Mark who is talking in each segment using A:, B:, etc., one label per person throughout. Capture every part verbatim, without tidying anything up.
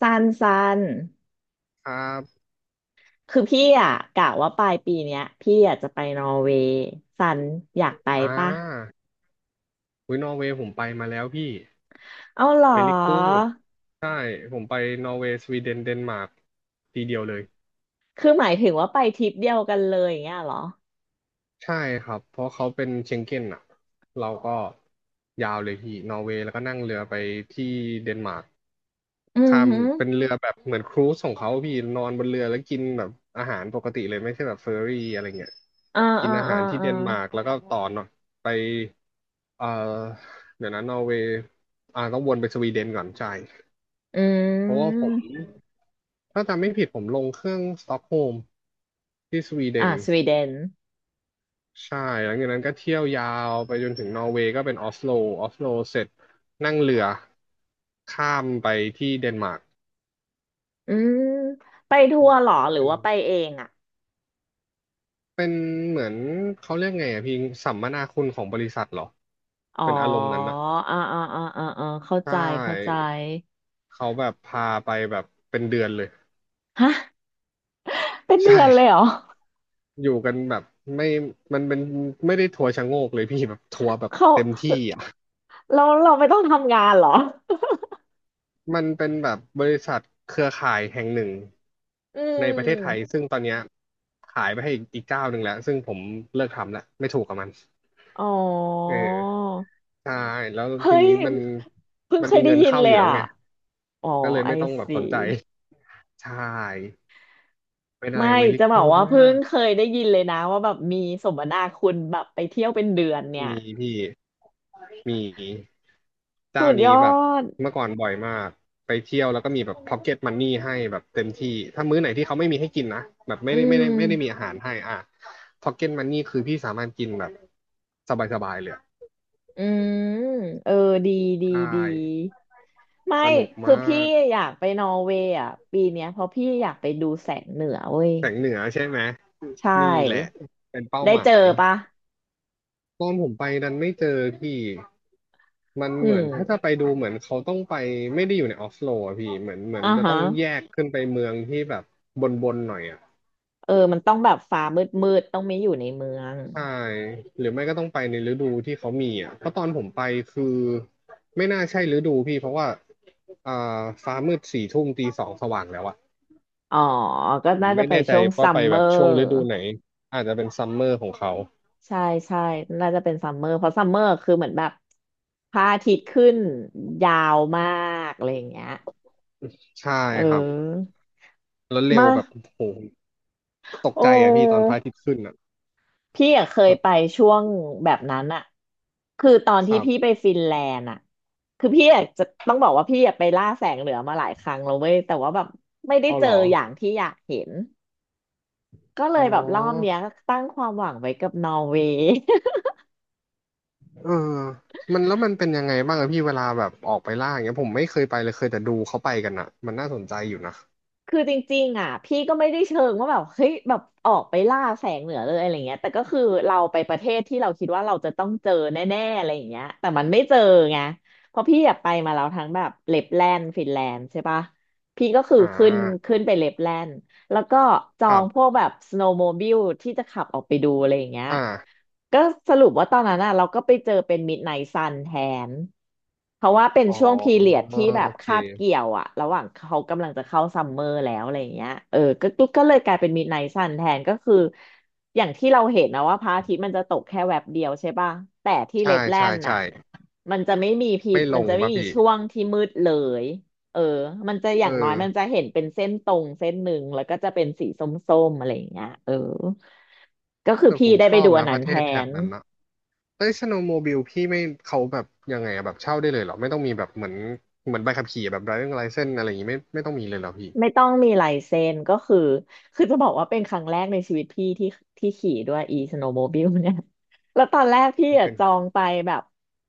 A: สั้นสั้น
B: ครับ
A: คือพี่อ่ะกะว่าปลายปีเนี้ยพี่อยากจะไปนอร์เวย์สันอยากไป
B: อ่
A: ปะ
B: าอุ้ยนอร์เวย์ผมไปมาแล้วพี่
A: เอาเหรอ
B: เวลิกูดใช่ผมไปนอร์เวย์สวีเดนเดนมาร์กทีเดียวเลย
A: คือหมายถึงว่าไปทริปเดียวกันเลยอย่างเงี้ยเหรอ
B: ใช่ครับเพราะเขาเป็นเชงเก้นอ่ะเราก็ยาวเลยพี่นอร์เวย์แล้วก็นั่งเรือไปที่เดนมาร์ก
A: อือ
B: ข้าม
A: หือ
B: เป็นเรือแบบเหมือนครูซของเขาพี่นอนบนเรือแล้วกินแบบอาหารปกติเลยไม่ใช่แบบเฟอร์รี่อะไรเงี้ย
A: อ่า
B: กิน
A: อ่า
B: อาหา
A: อ่า
B: รที่เด
A: อ่า
B: นมาร์กแล้วก็ต่อเนาะไปเอ่อเดี๋ยวนะนอร์เวย์อ่าต้องวนไปสวีเดนก่อนใช่
A: อื
B: เพราะว่าผ
A: ม
B: มถ้าจำไม่ผิดผมลงเครื่องสต็อกโฮล์มที่สวีเด
A: อ่า
B: น
A: สวีเดน
B: ใช่หลังจากนั้นก็เที่ยวยาวไปจนถึงนอร์เวย์ก็เป็นออสโลออสโลเสร็จนั่งเรือข้ามไปที่เดนมาร์ก
A: อืมไปทัวร์เหรอหรือ
B: เป็น
A: ว่าไปเองอ่ะ
B: เป็นเหมือนเขาเรียกไงอะพี่สัมมนาคุณของบริษัทเหรอ
A: อ๋อ
B: เป็นอารมณ์นั้นอะ
A: อ่าอ่าอ่าอ่าอ่าเข้า
B: ใช
A: ใจเข้าใจ
B: ่เขาแบบพาไปแบบเป็นเดือนเลย
A: ฮะเป็นเดื
B: ใช่
A: อนเลยเหรอ
B: อยู่กันแบบไม่มันเป็นไม่ได้ทัวร์ชะโงกเลยพี่แบบทัวร์แบบ
A: เขา
B: เต็มที่อะ
A: เราเราไม่ต้องทำงานเหรอ
B: มันเป็นแบบบริษัทเครือข่ายแห่งหนึ่ง
A: อื
B: ในประเทศไทย
A: ม
B: ซึ่งตอนเนี้ยขายไปให้อีกอีกเจ้าหนึ่งแล้วซึ่งผมเลิกทำแล้วไม่ถูกกับมัน
A: อ๋อ
B: เออใช่แล้ว
A: เฮ้
B: ที
A: ย
B: นี้มัน
A: เพิ่ง
B: มัน
A: เค
B: มี
A: ยได้
B: เงิน
A: ยิน
B: เข้า
A: เล
B: อ
A: ย
B: ยู่แล้ว
A: อ่ะ
B: ไง
A: อ๋อ
B: ก็เลย
A: ไอ
B: ไม่ต้องแบบ
A: ซี
B: สนใจใช่เป็นอะไร
A: ไม่
B: เวลิ
A: จะบอ
B: กู
A: ก
B: ด
A: ว่าเพิ่
B: มา
A: ง
B: ก
A: เคยได้ยินเลยนะว่าแบบมีสมนาคุณแบบไปเที่ยวเป็นเดือนเนี่ย
B: มีพี่ มี
A: สุ
B: เจ้า
A: ด
B: นี้
A: ยอ
B: แบบ
A: ด
B: เมื่อก่อนบ่อยมากไปเที่ยวแล้วก็มีแบบพ็อกเก็ตมันนี่ให้แบบเต็มที่ถ้ามื้อไหนที่เขาไม่มีให้กินนะแบบไม่
A: อื
B: ได้ไม่ได้ไม่ได้มี
A: ม
B: อาหารให้อ่ะพ็อกเก็ตมันนี่คือพี่สามารถกินแบบสบายๆเลยอะ
A: อืมเออดีดี
B: ใช่
A: ดี
B: ส
A: ไม่
B: นุก
A: คือ
B: มา
A: พี่
B: ก
A: อยากไปนอร์เวย์อ่ะปีเนี้ยเพราะพี่อยากไปดูแสงเหนือเว้ย
B: แสงเหนือใช่ไหม
A: ใช
B: นี่แหละ
A: ่
B: เป็นเป้า
A: ได้
B: ห
A: เจ
B: มา
A: อ
B: ย
A: ปะ
B: ตอนผมไปนั้นไม่เจอพี่มัน
A: อื
B: เหมือน
A: ม
B: ถ้าจะไปดูเหมือนเขาต้องไปไม่ได้อยู่ในออฟโลอะพี่เหมือนเหมือน
A: อ่า
B: จะต้อ
A: ฮะ
B: งแยกขึ้นไปเมืองที่แบบบนบนหน่อยอะ
A: เออมันต้องแบบฟ้ามืดมืดต้องไม่อยู่ในเมือง
B: ใช่หรือไม่ก็ต้องไปในฤดูที่เขามีอ่ะเพราะตอนผมไปคือไม่น่าใช่ฤดูพี่เพราะว่าอ่าฟ้ามืดสี่ทุ่มตีสองสว่างแล้วอ่ะ
A: อ๋อก็
B: ผม
A: น่าจะ
B: ไม่
A: ไป
B: แน่ใจ
A: ช่วง
B: ว่า
A: ซั
B: ไป
A: มเม
B: แบ
A: อ
B: บช่วง
A: ร์
B: ฤดูไหนอาจจะเป็นซัมเมอร์ของเขา
A: ใช่ใช่น่าจะเป็นซัมเมอร์เพราะซัมเมอร์คือเหมือนแบบพระอาทิตย์ขึ้นยาวมากอะไรอย่างเงี้ย
B: ใช่
A: เ
B: ครับ
A: ออ
B: แล้วเร็ว
A: มา
B: แบบโอ้โหตก
A: โอ
B: ใจอ่ะพี่ตอนพ
A: ้
B: ระอาทิตย์ขึ้นอ่ะ
A: พี่อะเคย
B: แบบ
A: ไปช่วงแบบนั้นอะคือตอน
B: ค
A: ที่
B: รั
A: พี่ไป
B: บ
A: ฟินแลนด์อะคือพี่อะจะต้องบอกว่าพี่อะไปล่าแสงเหนือมาหลายครั้งแล้วเว้ยแต่ว่าแบบไม่ได้
B: เอา
A: เจ
B: เห
A: อ
B: รอ
A: อย่างที่อยากเห็นก็เล
B: อ๋อ
A: ยแบบรอบเนี้ยตั้งความหวังไว้กับนอร์เวย์
B: เออมันแล้วมันเป็นยังไงบ้างอะพี่เวลาแบบออกไปล่าอย่างเงี้ยผมไม่เคยไปเลยเคยแต่ดูเขาไปกันอะมันน่าสนใจอยู่นะ
A: คือจริงๆอ่ะพี่ก็ไม่ได้เชิงว่าแบบเฮ้ยแบบออกไปล่าแสงเหนือเลยอะไรเงี้ยแต่ก็คือเราไปประเทศที่เราคิดว่าเราจะต้องเจอแน่ๆอะไรอย่างเงี้ยแต่มันไม่เจอไงเพราะพี่อยากไปมาแล้วทั้งแบบเลปแลนด์ฟินแลนด์ใช่ปะพี่ก็คือ
B: อ่
A: ขึ้น
B: า
A: ขึ้นไปเลปแลนด์ แล้วก็จอ
B: ครั
A: งพว
B: บ
A: กแบบสโนว์โมบิลที่จะขับออกไปดูอะไรอย่างเงี้ย
B: อ่า
A: ก็สรุปว่าตอนนั้นน่ะเราก็ไปเจอเป็นมิดไนท์ซันแทนเพราะว่าเป็น
B: อ๋อ
A: ช่วงพีเรียด
B: โอ
A: ที่แบบ
B: เค
A: คาบเกี่ยวอะระหว่างเขากำลังจะเข้าซัมเมอร์แล้วอะไรอย่างเงี้ยเออก็ก็ก็เลยกลายเป็นมิดไนท์ซันแทนก็คืออย่างที่เราเห็นนะว่าพระอาทิตย์มันจะตกแค่แวบเดียวใช่ป่ะแต่ที่
B: ใช่
A: เลปแล
B: ใช่
A: นด์น่ะ
B: ใช่
A: มันจะไม่มีพี
B: ไม่ล
A: มัน
B: ง
A: จะไม่
B: ป่ะ
A: มี
B: พี่
A: ช่วงที่มืดเลย เออมันจะอ
B: เอ
A: ย่า
B: อ
A: งน้อยมันจะเห็นเป็นเส้นตรงเส้นหนึ่งแล้วก็จะเป็นสีส้มๆอะไรอย่างเงี้ยเออก็คือ
B: แต่ผ
A: พี่
B: ม
A: ได้
B: ช
A: ไป
B: อบ
A: ดูอั
B: นะ
A: น
B: ป
A: นั้น
B: ระเท
A: แท
B: ศแถบ
A: น
B: นั้นนะเอ้ยสโนว์โมบิลพี่ไม่เขาแบบยังไงอะแบบเช่าได้เลยเหรอ ไม่ต้องมีแบบเหมือนเหมือนใบขับขี่แบบไดร v i ิ g งไลเซนอะไรอย่างงี้ไม่ไม่ต้องมีเลยเหรอพี่
A: ไม่ต้องมีลายเซ็นก็คือคือจะบอกว่าเป็นครั้งแรกในชีวิตพี่ที่ที่ขี่ด้วย e snowmobile เนี่ย แล้วตอนแรกพี่อะ
B: เป็น
A: จองไปแบบ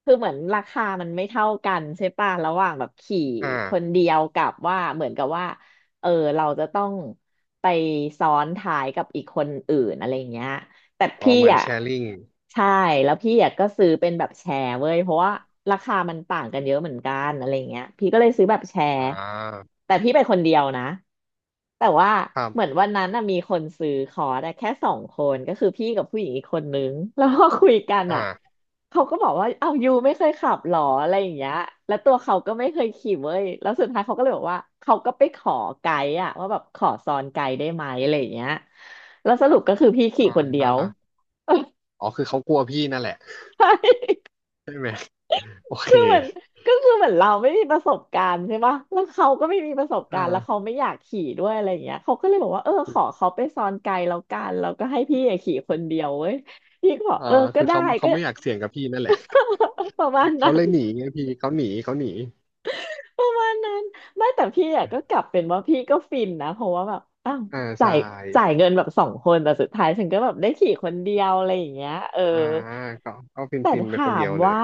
A: คือเหมือนราคามันไม่เท่ากันใช่ป่ะระหว่างแบบขี่
B: อ่า
A: คนเดียวกับว่าเหมือนกับว่าเออเราจะต้องไปซ้อนท้ายกับอีกคนอื่นอะไรอย่างเงี้ย แต่
B: อ๋อ
A: พี่
B: เหมือน
A: อ่ะ
B: แชร์ลิง
A: ใช่แล้วพี่อ่ะก็ซื้อเป็นแบบแชร์เว้ยเพราะว่าราคามันต่างกันเยอะเหมือนกันอะไรเงี้ยพี่ก็เลยซื้อแบบแช
B: อ่
A: ร์
B: า
A: แต่พี่ไปคนเดียวนะแต่ว่า
B: ครั
A: เหมือน
B: บ
A: วันนั้นน่ะมีคนซื้อคอร์สอะแค่สองคนก็คือพี่กับผู้หญิงอีกคนนึงแล้วพอคุยกัน
B: อ่า
A: อ่ะ เขาก็บอกว่าเอ้ายูไม่เคยขับหรออะไรอย่างเงี้ยแล้วตัวเขาก็ไม่เคยขี่เว้ยแล้วสุดท้ายเขาก็เลยบอกว่าเขาก็ไปขอไกด์อะว่าแบบขอซ้อนไกด์ได้ไหมอะไรอย่างเงี้ยแล้วสรุปก็คือพี่ขี่
B: อ่
A: คนเดียว
B: าอ๋อ คือเขากลัวพี่นั่นแหละ
A: ใช่
B: ใช่ไหม โอ เค
A: คือเหมือนก็คือเหมือนเราไม่มีประสบการณ์ใช่ปะแล้วเขาก็ไม่มีประสบการณ์แล้วเขา
B: อ่า
A: ไม่อยากขี่ด้วยอะไรอย่างเงี้ยเขาก็เลยบอกว่าเออขอเขาไปซ้อนไกด์แล้วกันแล้วก็ให้พี่อะขี่คนเดียวเว้ยพี่ก็บอก
B: อ่า
A: เออก็
B: คือ
A: ได้
B: เขาเขา
A: ก็
B: ไม่อยากเสี่ยงกับพี่นั่นแหละ
A: ประมาณ
B: เขา
A: นั้
B: เล
A: น
B: ยหนีไงพี่เขาหนีเขาหนี
A: ประมาณนั้นไม่แต่พี่อะก็กลับเป็นว่าพี่ก็ฟินนะเพราะว่าแบบอ้าว
B: อ่า
A: จ่า
B: ใช่
A: ยจ่ายเงินแบบสองคนแต่สุดท้ายฉันก็แบบได้ขี่คนเดียวอะไรอย่างเงี้ยเออ
B: อ่าก็ก็ฟิน
A: แต่
B: ฟินไป
A: ถา
B: คนเดี
A: ม
B: ยวเล
A: ว่า
B: ย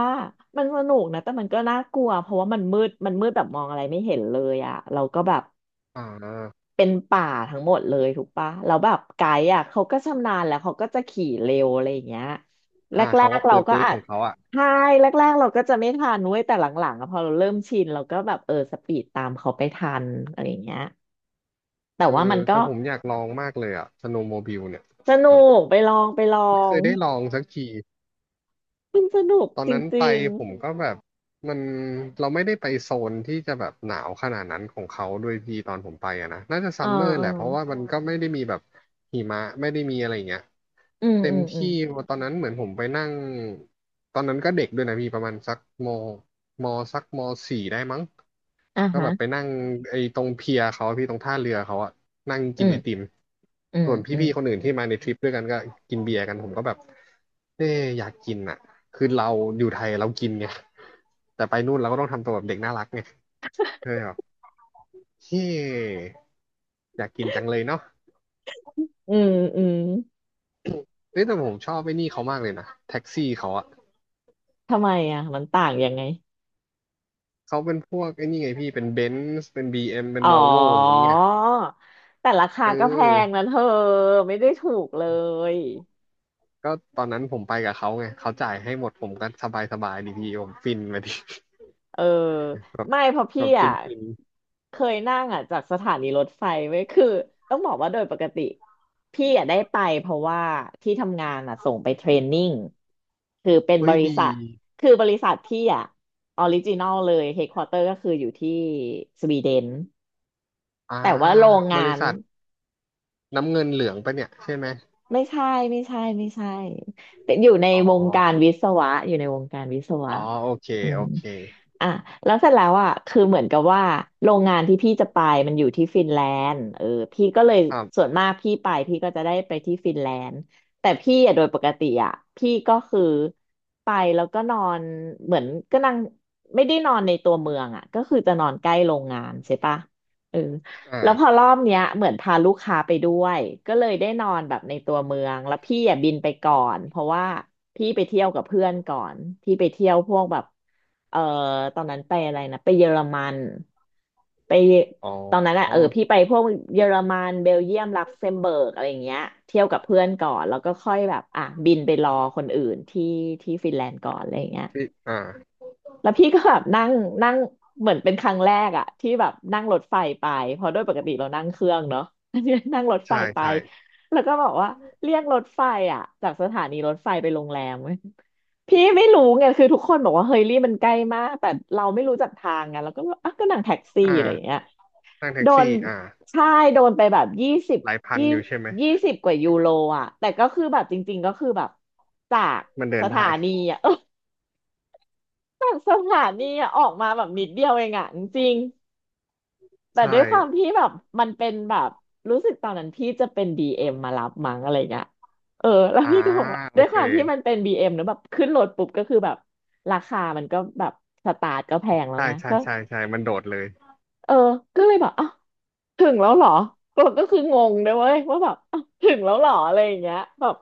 A: มันสนุกนะแต่มันก็น่ากลัวเพราะว่ามันมืดมันมืดแบบมองอะไรไม่เห็นเลยอะเราก็แบบ
B: อ่า
A: เป็นป่าทั้งหมดเลยถูกปะแล้วแบบไกด์อ่ะเขาก็ชำนาญแล้วเขาก็จะขี่เร็วอะไรอย่างเงี้ยแร
B: อ่าเขาก็
A: กๆเรา
B: ปื๊ด
A: ก็
B: ปื๊ด
A: อา
B: ข
A: จ
B: องเขาอ่ะ
A: ใช่แรกๆเราก็จะไม่ทันเว้ยแต่หลังๆอะพอเราเริ่มชินเราก็แบบเออสปีดตามเขาไปทันอะไรอย่างเงี้ยแต่
B: เออ
A: ว่ามันก็
B: แต่ผมอยากลองมากเลยอ่ะสโนว์โมบิลเนี่ย
A: ส
B: แบ
A: นุ
B: บ
A: กไปลองไปลอ
B: ไม่เค
A: ง
B: ยได้ลองสักที
A: มันสนุก
B: ตอน
A: จ
B: นั้นไป
A: ริง
B: ผมก็แบบมันเราไม่ได้ไปโซนที่จะแบบหนาวขนาดนั้นของเขาด้วยพี่ตอนผมไปอ่ะนะน่าจะ
A: ๆเอ
B: ซั
A: อ
B: มเมอร์
A: เออ
B: แหละเพราะว่ามันก็ไม่ได้มีแบบหิมะไม่ได้มีอะไรอย่างเงี้ย
A: อืม
B: เต็
A: อื
B: ม
A: มอื
B: ที่
A: ม
B: ตอนนั้นเหมือนผมไปนั่งตอนนั้นก็เด็กด้วยนะพี่ประมาณสักมมสักมสี่ได้มั้ง
A: อ่ะ
B: ก็
A: ฮะ
B: แบบไปนั่งไอ้ตรงเพียเขาอะพี่ตรงท่าเรือเขาอะนั่งกิ
A: อื
B: น
A: ม
B: ไอติม
A: อืม
B: ส่วน
A: อืม
B: พี่ๆคนอื่นที่มาในทริปด้วยกันก็กินเบียร์กันผมก็แบบเอ๊ะอยากกินอ่ะคือเราอยู่ไทยเรากินไงแต่ไปนู่นเราก็ต้องทำตัวแบบเด็กน่ารักไงเออแบบเฮ้อยากกินจังเลยเนาะ
A: อืมอืม
B: เอ้ยแต่ผมชอบไอ้นี่เขามากเลยนะแท็กซี่เขาอะ
A: ทำไมอ่ะมันต่างยังไง
B: เขาเป็นพวกไอ้นี่ไงพี่เป็นเบนซ์เป็นบี เอ็มเป็น
A: อ๋อ
B: วอลโวอย่างงี้ไง
A: แต่ราคา
B: เอ
A: ก็แพงนะ
B: อ
A: เธอไม่ได้ถูกเลย
B: ก็ตอนนั้นผมไปกับเขาไงเขาจ่ายให้หมดผมก็สบายสบายดีพี่ผมฟินไปดิ
A: เออ
B: แบบ
A: ไม่เพราะ
B: แบ
A: พี่
B: บฟิ
A: อ่ะ
B: นฟิน
A: เคยนั่งอ่ะจากสถานีรถไฟไว้ยคือต้องบอกว่าโดยปกติพี่อ่ะได้ไปเพราะว่าที่ทำงานอ่ะส่งไปเทรนนิ่งคือเป็น
B: เฮ้
A: บ
B: ย
A: ริ
B: ดี
A: ษัทคือบริษัทพี่อ่ะออริจินอลเลยเฮดควอเตอร์ก็คืออยู่ที่สวีเดน
B: อ่า
A: แต่ว่าโรง
B: บ
A: งา
B: ริ
A: น
B: ษัทน้ำเงินเหลืองปะเนี่ยใช่ไหม
A: ไม่ใช่ไม่ใช่ไม่ใช่แต่อยู่ใน
B: อ๋อ
A: วงการวิศวะอยู่ในวงการวิศวะ
B: อ๋อโอเค
A: อื
B: โอ
A: ม
B: เค
A: อ่ะแล้วเสร็จแล้วอ่ะคือเหมือนกับว่าโรงงานที่พี่จะไปมันอยู่ที่ฟินแลนด์เออพี่ก็เลย
B: ครั
A: ส่วน
B: บ
A: มากพี่ไปพี่ก็จะได้ไปที่ฟินแลนด์แต่พี่อ่ะโดยปกติอ่ะพี่ก็คือไปแล้วก็นอนเหมือนก็นั่งไม่ได้นอนในตัวเมืองอ่ะก็คือจะนอนใกล้โรงงานใช่ปะเออ แล้วพอ
B: อ่า
A: รอบเนี้ยเหมือนพาลูกค้าไปด้วยก็เลยได้นอนแบบในตัวเมืองแล้วพี่อ่ะบินไปก่อนเพราะว่าพี่ไปเที่ยวกับเพื่อนก่อนพี่ไปเที่ยวพวกแบบเออตอนนั้นไปอะไรนะไปเยอรมันไป
B: อ๋อ
A: ตอนนั้นอะเออพี่ไปพวกเยอรมันเบลเยียมลักเซมเบิร์กอะไรอย่างเงี้ยเที่ยวกับเพื่อนก่อนแล้วก็ค่อยแบบอ่ะบินไปรอคนอื่นที่ที่ฟินแลนด์ก่อนอะไรอย่างเงี้ย
B: พี่อ่า
A: แล้วพี่ก็แบบนั่งนั่งเหมือนเป็นครั้งแรกอะที่แบบนั่งรถไฟไปเพราะโดวยปกติเรานั่งเครื่องเนาะ อันนี้นั่งรถไฟ
B: ใช่
A: ไป
B: ใช่
A: แล้วก็บอกว่าเรียกรถไฟอะจากสถานีรถไฟไปโรงแรมเว้ยพี่ไม่รู้ไงคือทุกคนบอกว่าเฮยรี่มันใกล้มากแต่เราไม่รู้จักทางไงเราก็แบบอ่ะก็นั่งแท็กซี่
B: อ่า
A: อะไรอย่างเงี้ย
B: นั่งแท็
A: โด
B: ก
A: น
B: ซี่อ่า
A: ใช่โดนไปแบบยี่สิบ
B: หลายพัน
A: ยี่
B: อยู่ใช่ไหม
A: ยี่สิบกว่ายูโรอ่ะแต่ก็คือแบบจริงๆก็คือแบบจาก
B: มันเดิ
A: ส
B: น
A: ถา
B: ได้
A: นีอ่ะ แบบสถานีอะออกมาแบบนิดเดียวเองอะจริงๆแต่
B: ใช่
A: ด้วยความที่แบบมันเป็นแบบรู้สึกตอนนั้นพี่จะเป็นดี เอ็มมารับมั้งอะไรเงี้ยเออแล้ว
B: อ่า
A: พี่ก็บอกว่า
B: โอ
A: ด้วย
B: เค
A: ความที่มันเป็นบี เอ็มเนอะแบบขึ้นรถปุ๊บก็คือแบบราคามันก็แบบสตาร์ทก็แพงแล้ว
B: ใช่
A: ไง
B: ใช่
A: ก็
B: ใช่ใช่มันโดดเลย
A: เออก็เลยแบบอ้าวถึงแล้วเหรอก็ก็คืองงเลยเว้ยว่าแบบอ้าวถึงแล้วเหรออะไรอย่างเงี้ยแบบ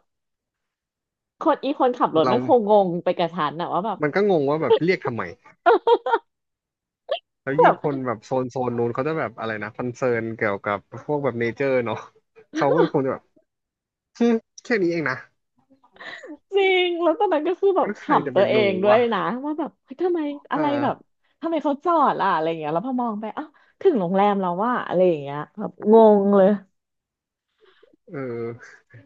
A: คนอีคนขับรถ
B: เรา
A: มันคงงงไปกับฉันอะว่าแบบ
B: มันก็งงว่าแบบเรียกทำไม แล้วยิ่งคน แบบโซนโซนนู้นเขาจะแบบอะไรนะคอนเซิร์นเกี่ยวกับพวกแบบเนเจอร์เนาะเขาก็คงจะแบบฮึแค่นี้เองนะ
A: จริง แล้วตอนนั้นก็คือแบบ
B: แล้ว
A: ข
B: ใครจะ
A: ำ
B: ไป
A: ตัวเอง
B: รู้
A: ด้วย
B: อ่ะ
A: นะว่าแบบเฮ้ยทำไมอะ
B: อ่
A: ไรแบบ
B: า
A: ทำไมเขาจอดล่ะอะไรอย่างเงี้ยแล้วพอมองไปอ้าวถึงโรงแรมแล้วว่าอะไรอย่างเงี้ยแบบงงเลย
B: เออ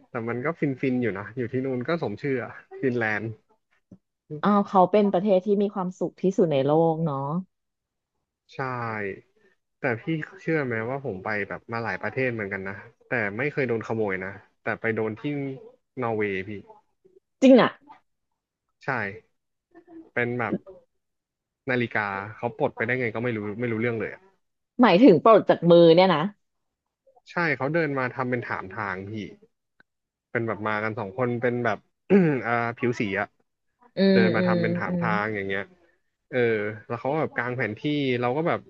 B: แต่มันก็ฟินฟินอยู่นะอยู่ที่นู่นก็สมชื่ออะฟินแลนด์
A: อ้าวเขาเป็นประเทศที่มีความสุขที่สุดในโลกเนาะ
B: ใช่แต่พี่เชื่อไหมว่าผมไปแบบมาหลายประเทศเหมือนกันนะแต่ไม่เคยโดนขโมยนะแต่ไปโดนที่นอร์เวย์พี่
A: จริงอ่ะ
B: ใช่เป็นแบบนาฬิกาเขาปลดไปได้ไงก็ไม่รู้ไม่รู้เรื่องเลยอะ
A: หมายถึงปลดจากมือเนี่ยนะ
B: ใช่เขาเดินมาทำเป็นถามทางพี่ เป็นแบบมากันสองคนเป็นแบบ อ่าผิวสีอะ
A: อืม
B: เดิน
A: อื
B: มา
A: ม
B: ทำเป็นถา
A: อื
B: ม
A: ม
B: ทางอย่างเงี้ยเออแล้วเขาก็แบบกางแผนที่เราก็แบบ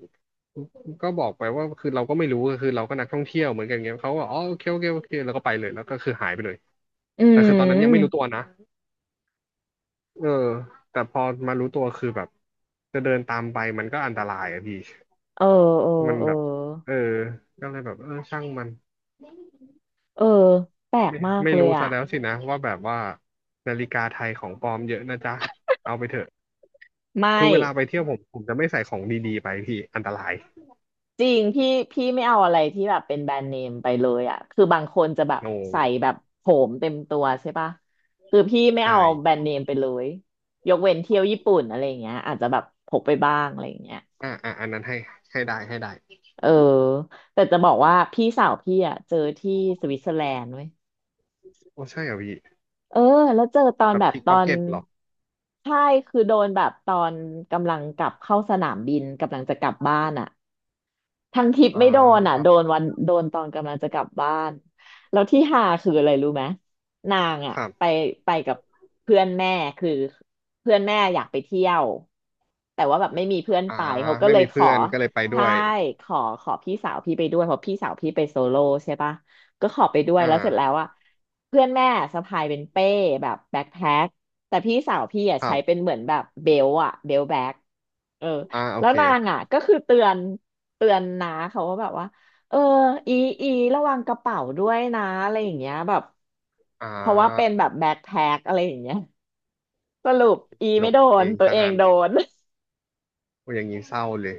B: ก็บอกไปว่าคือเราก็ไม่รู้คือเราก็นักท่องเที่ยวเหมือนกันเงี้ยเขาก็อ๋อโอเคโอเคโอเคแล้วก็ไปเลยแล้วก็คือหายไปเลย
A: อื
B: แต่คือตอนนั้นยังไม่รู้
A: ม
B: ตัวนะเออแต่พอมารู้ตัวคือแบบจะเดินตามไปมันก็อันตรายอะพี่
A: เออเออ
B: มัน
A: เออ
B: แบบเออก็เลยแบบเออช่างมัน
A: เออแปลก
B: ไม่
A: มาก
B: ไม่
A: เล
B: รู้
A: ย
B: ซะ
A: อ่ะ
B: แล้วสินะว่าแบบว่านาฬิกาไทยของปลอมเยอะนะจ๊ะเอาไปเถอะ
A: ไม่
B: คือเวลาไปเที่ยวผมผมจะไม่ใส่ของดีๆไปพี่อันตราย
A: จริงพี่พี่ไม่เอาอะไรที่แบบเป็นแบรนด์เนมไปเลยอ่ะคือบางคนจะแบบ
B: งง
A: ใส่แบบโผมเต็มตัวใช่ปะคือพี่ไม่เอา
B: ใช่
A: แบรนด์เนมไปเลยยกเว้นเที่ยวญี่ปุ่นอะไรอย่างเงี้ยอาจจะแบบพกไปบ้างอะไรอย่างเงี้ย
B: อ่าอ่าอันนั้นให้ให้ได้ให้ได้
A: เออแต่จะบอกว่าพี่สาวพี่อ่ะเจอที่สวิตเซอร์แลนด์เว้ย
B: โอ้ใช่เหรอพี่
A: เออแล้วเจอตอ
B: แบ
A: น
B: บ
A: แบบ
B: พิก
A: ต
B: พ็
A: อ
B: อก
A: น
B: เก็ตหรอ
A: ใช่คือโดนแบบตอนกำลังกลับเข้าสนามบินกำลังจะกลับบ้านอ่ะ ทั้งทริป
B: อ่า
A: ไม่โดน
B: ค
A: อ่ะ
B: รั
A: โดนวันโดนตอนกำลังจะกลับบ้านแล้วที่หาคืออะไรรู้ไหมนางอ่ะ
B: บ
A: ไปไปกับเพื่อนแม่คือเพื่อนแม่อยากไปเที่ยวแต่ว่าแบบไม่มีเพื่อน
B: อ่า
A: ไปเขาก็
B: ไม่
A: เลย
B: มี
A: ข
B: เพื่
A: อ
B: อนก็เลยไปด้
A: ใช่
B: วย
A: ขอขอพี่สาวพี่ไปด้วยเพราะพี่สาวพี่ไปโซโล่ใช่ปะก็ขอไปด้วย
B: อ่
A: แล้วเสร็จแล้ว
B: า
A: อ่ะเพื่อนแม่สะพายเป็นเป้แบบแบ็คแพ็คแต่พี่สาวพี่อ่ะ
B: ครั
A: ใช้เป็
B: บ
A: นเหมือนแบบเบลต์อ่ะเบลต์แบ็คเออ
B: อ่าโอ
A: แล้ว
B: เค
A: นางอ่ะก็คือเตือนเตือนนาเขาว่าแบบว่าเอออีอีระวังกระเป๋าด้วยนะอะไรอย่างเงี้ยแบบ
B: อ่
A: เพราะว่าเป็น
B: า
A: แบบแบ็คแพ็คอะไรอย่างเงี้ยสรุปอี
B: โด
A: ไม่
B: น
A: โด
B: เอ
A: น
B: ง
A: ตัว
B: ซะ
A: เอง
B: งั้น
A: โดน
B: โอ้อย่างนี้เศร้าเลย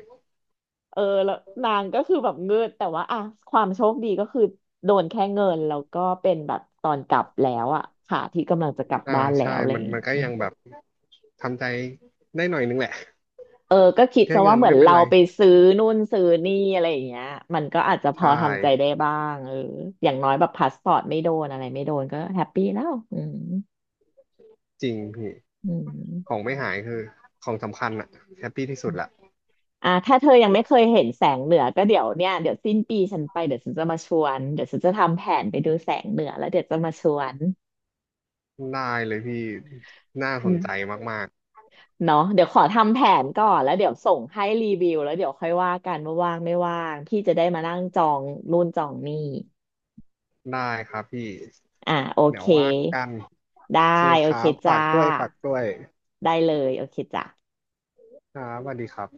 A: เออแล้วนางก็คือแบบเงืดแต่ว่าอ่ะความโชคดีก็คือโดนแค่เงินแล้วก็เป็นแบบตอนกลับแล้วอ่ะขาที่กำลังจะกลับ
B: อ่า
A: บ้านแล้
B: ใช่
A: วอะไรอ
B: มัน
A: ย่างเงี้
B: มันก็ยังแบ
A: ย
B: บทำใจได้หน่อยนึงแหละ
A: เออ ก็คิด
B: แค่
A: ซะ
B: เงิ
A: ว่า
B: น
A: เหมือ
B: ไม่
A: น
B: เป็น
A: เรา
B: ไร
A: ไปซื้อนู่นซื้อนี่อะไรอย่างเงี้ยมันก็อาจจะพอ
B: ใช่
A: ทำใจได้บ้างเอออย่างน้อยแบบพาสปอร์ตไม่โดนอะไรไม่โดนก็แฮปปี้แล้วอืม
B: จริงพี่
A: อื
B: ขอ
A: ม
B: งไม่หายคือของสำคัญอะแฮปปี้ที่สุ
A: อื
B: ด
A: ม
B: ละ
A: อ่าถ้าเธอยังไม่เคยเห็นแสงเหนือก็เดี๋ยวเนี่ยเดี๋ยวสิ้นปีฉันไปเดี๋ยวฉันจะมาชวนเดี๋ยวฉันจะทำแผนไปดูแสงเหนือแล้วเดี๋ยวจะมาชวน
B: ได้เลยพี่น่าส
A: อื
B: น
A: ม
B: ใจมาก
A: เนาะเดี๋ยวขอทำแผนก่อนแล้วเดี๋ยวส่งให้รีวิวแล้วเดี๋ยวค่อยว่ากันว่าว่างไม่ว่างพี่จะได้มานั่งจองนู่นจองนี่
B: ๆได้ครับพี่
A: อ่าโอ
B: เดี๋ย
A: เค
B: วว่ากันโอเค
A: ได้
B: ค
A: โอ
B: รั
A: เค
B: บฝาก
A: จ้า
B: ด้วยฝากด้วย
A: ได้เลยโอเคจ้า
B: ครับสวัสดีครับ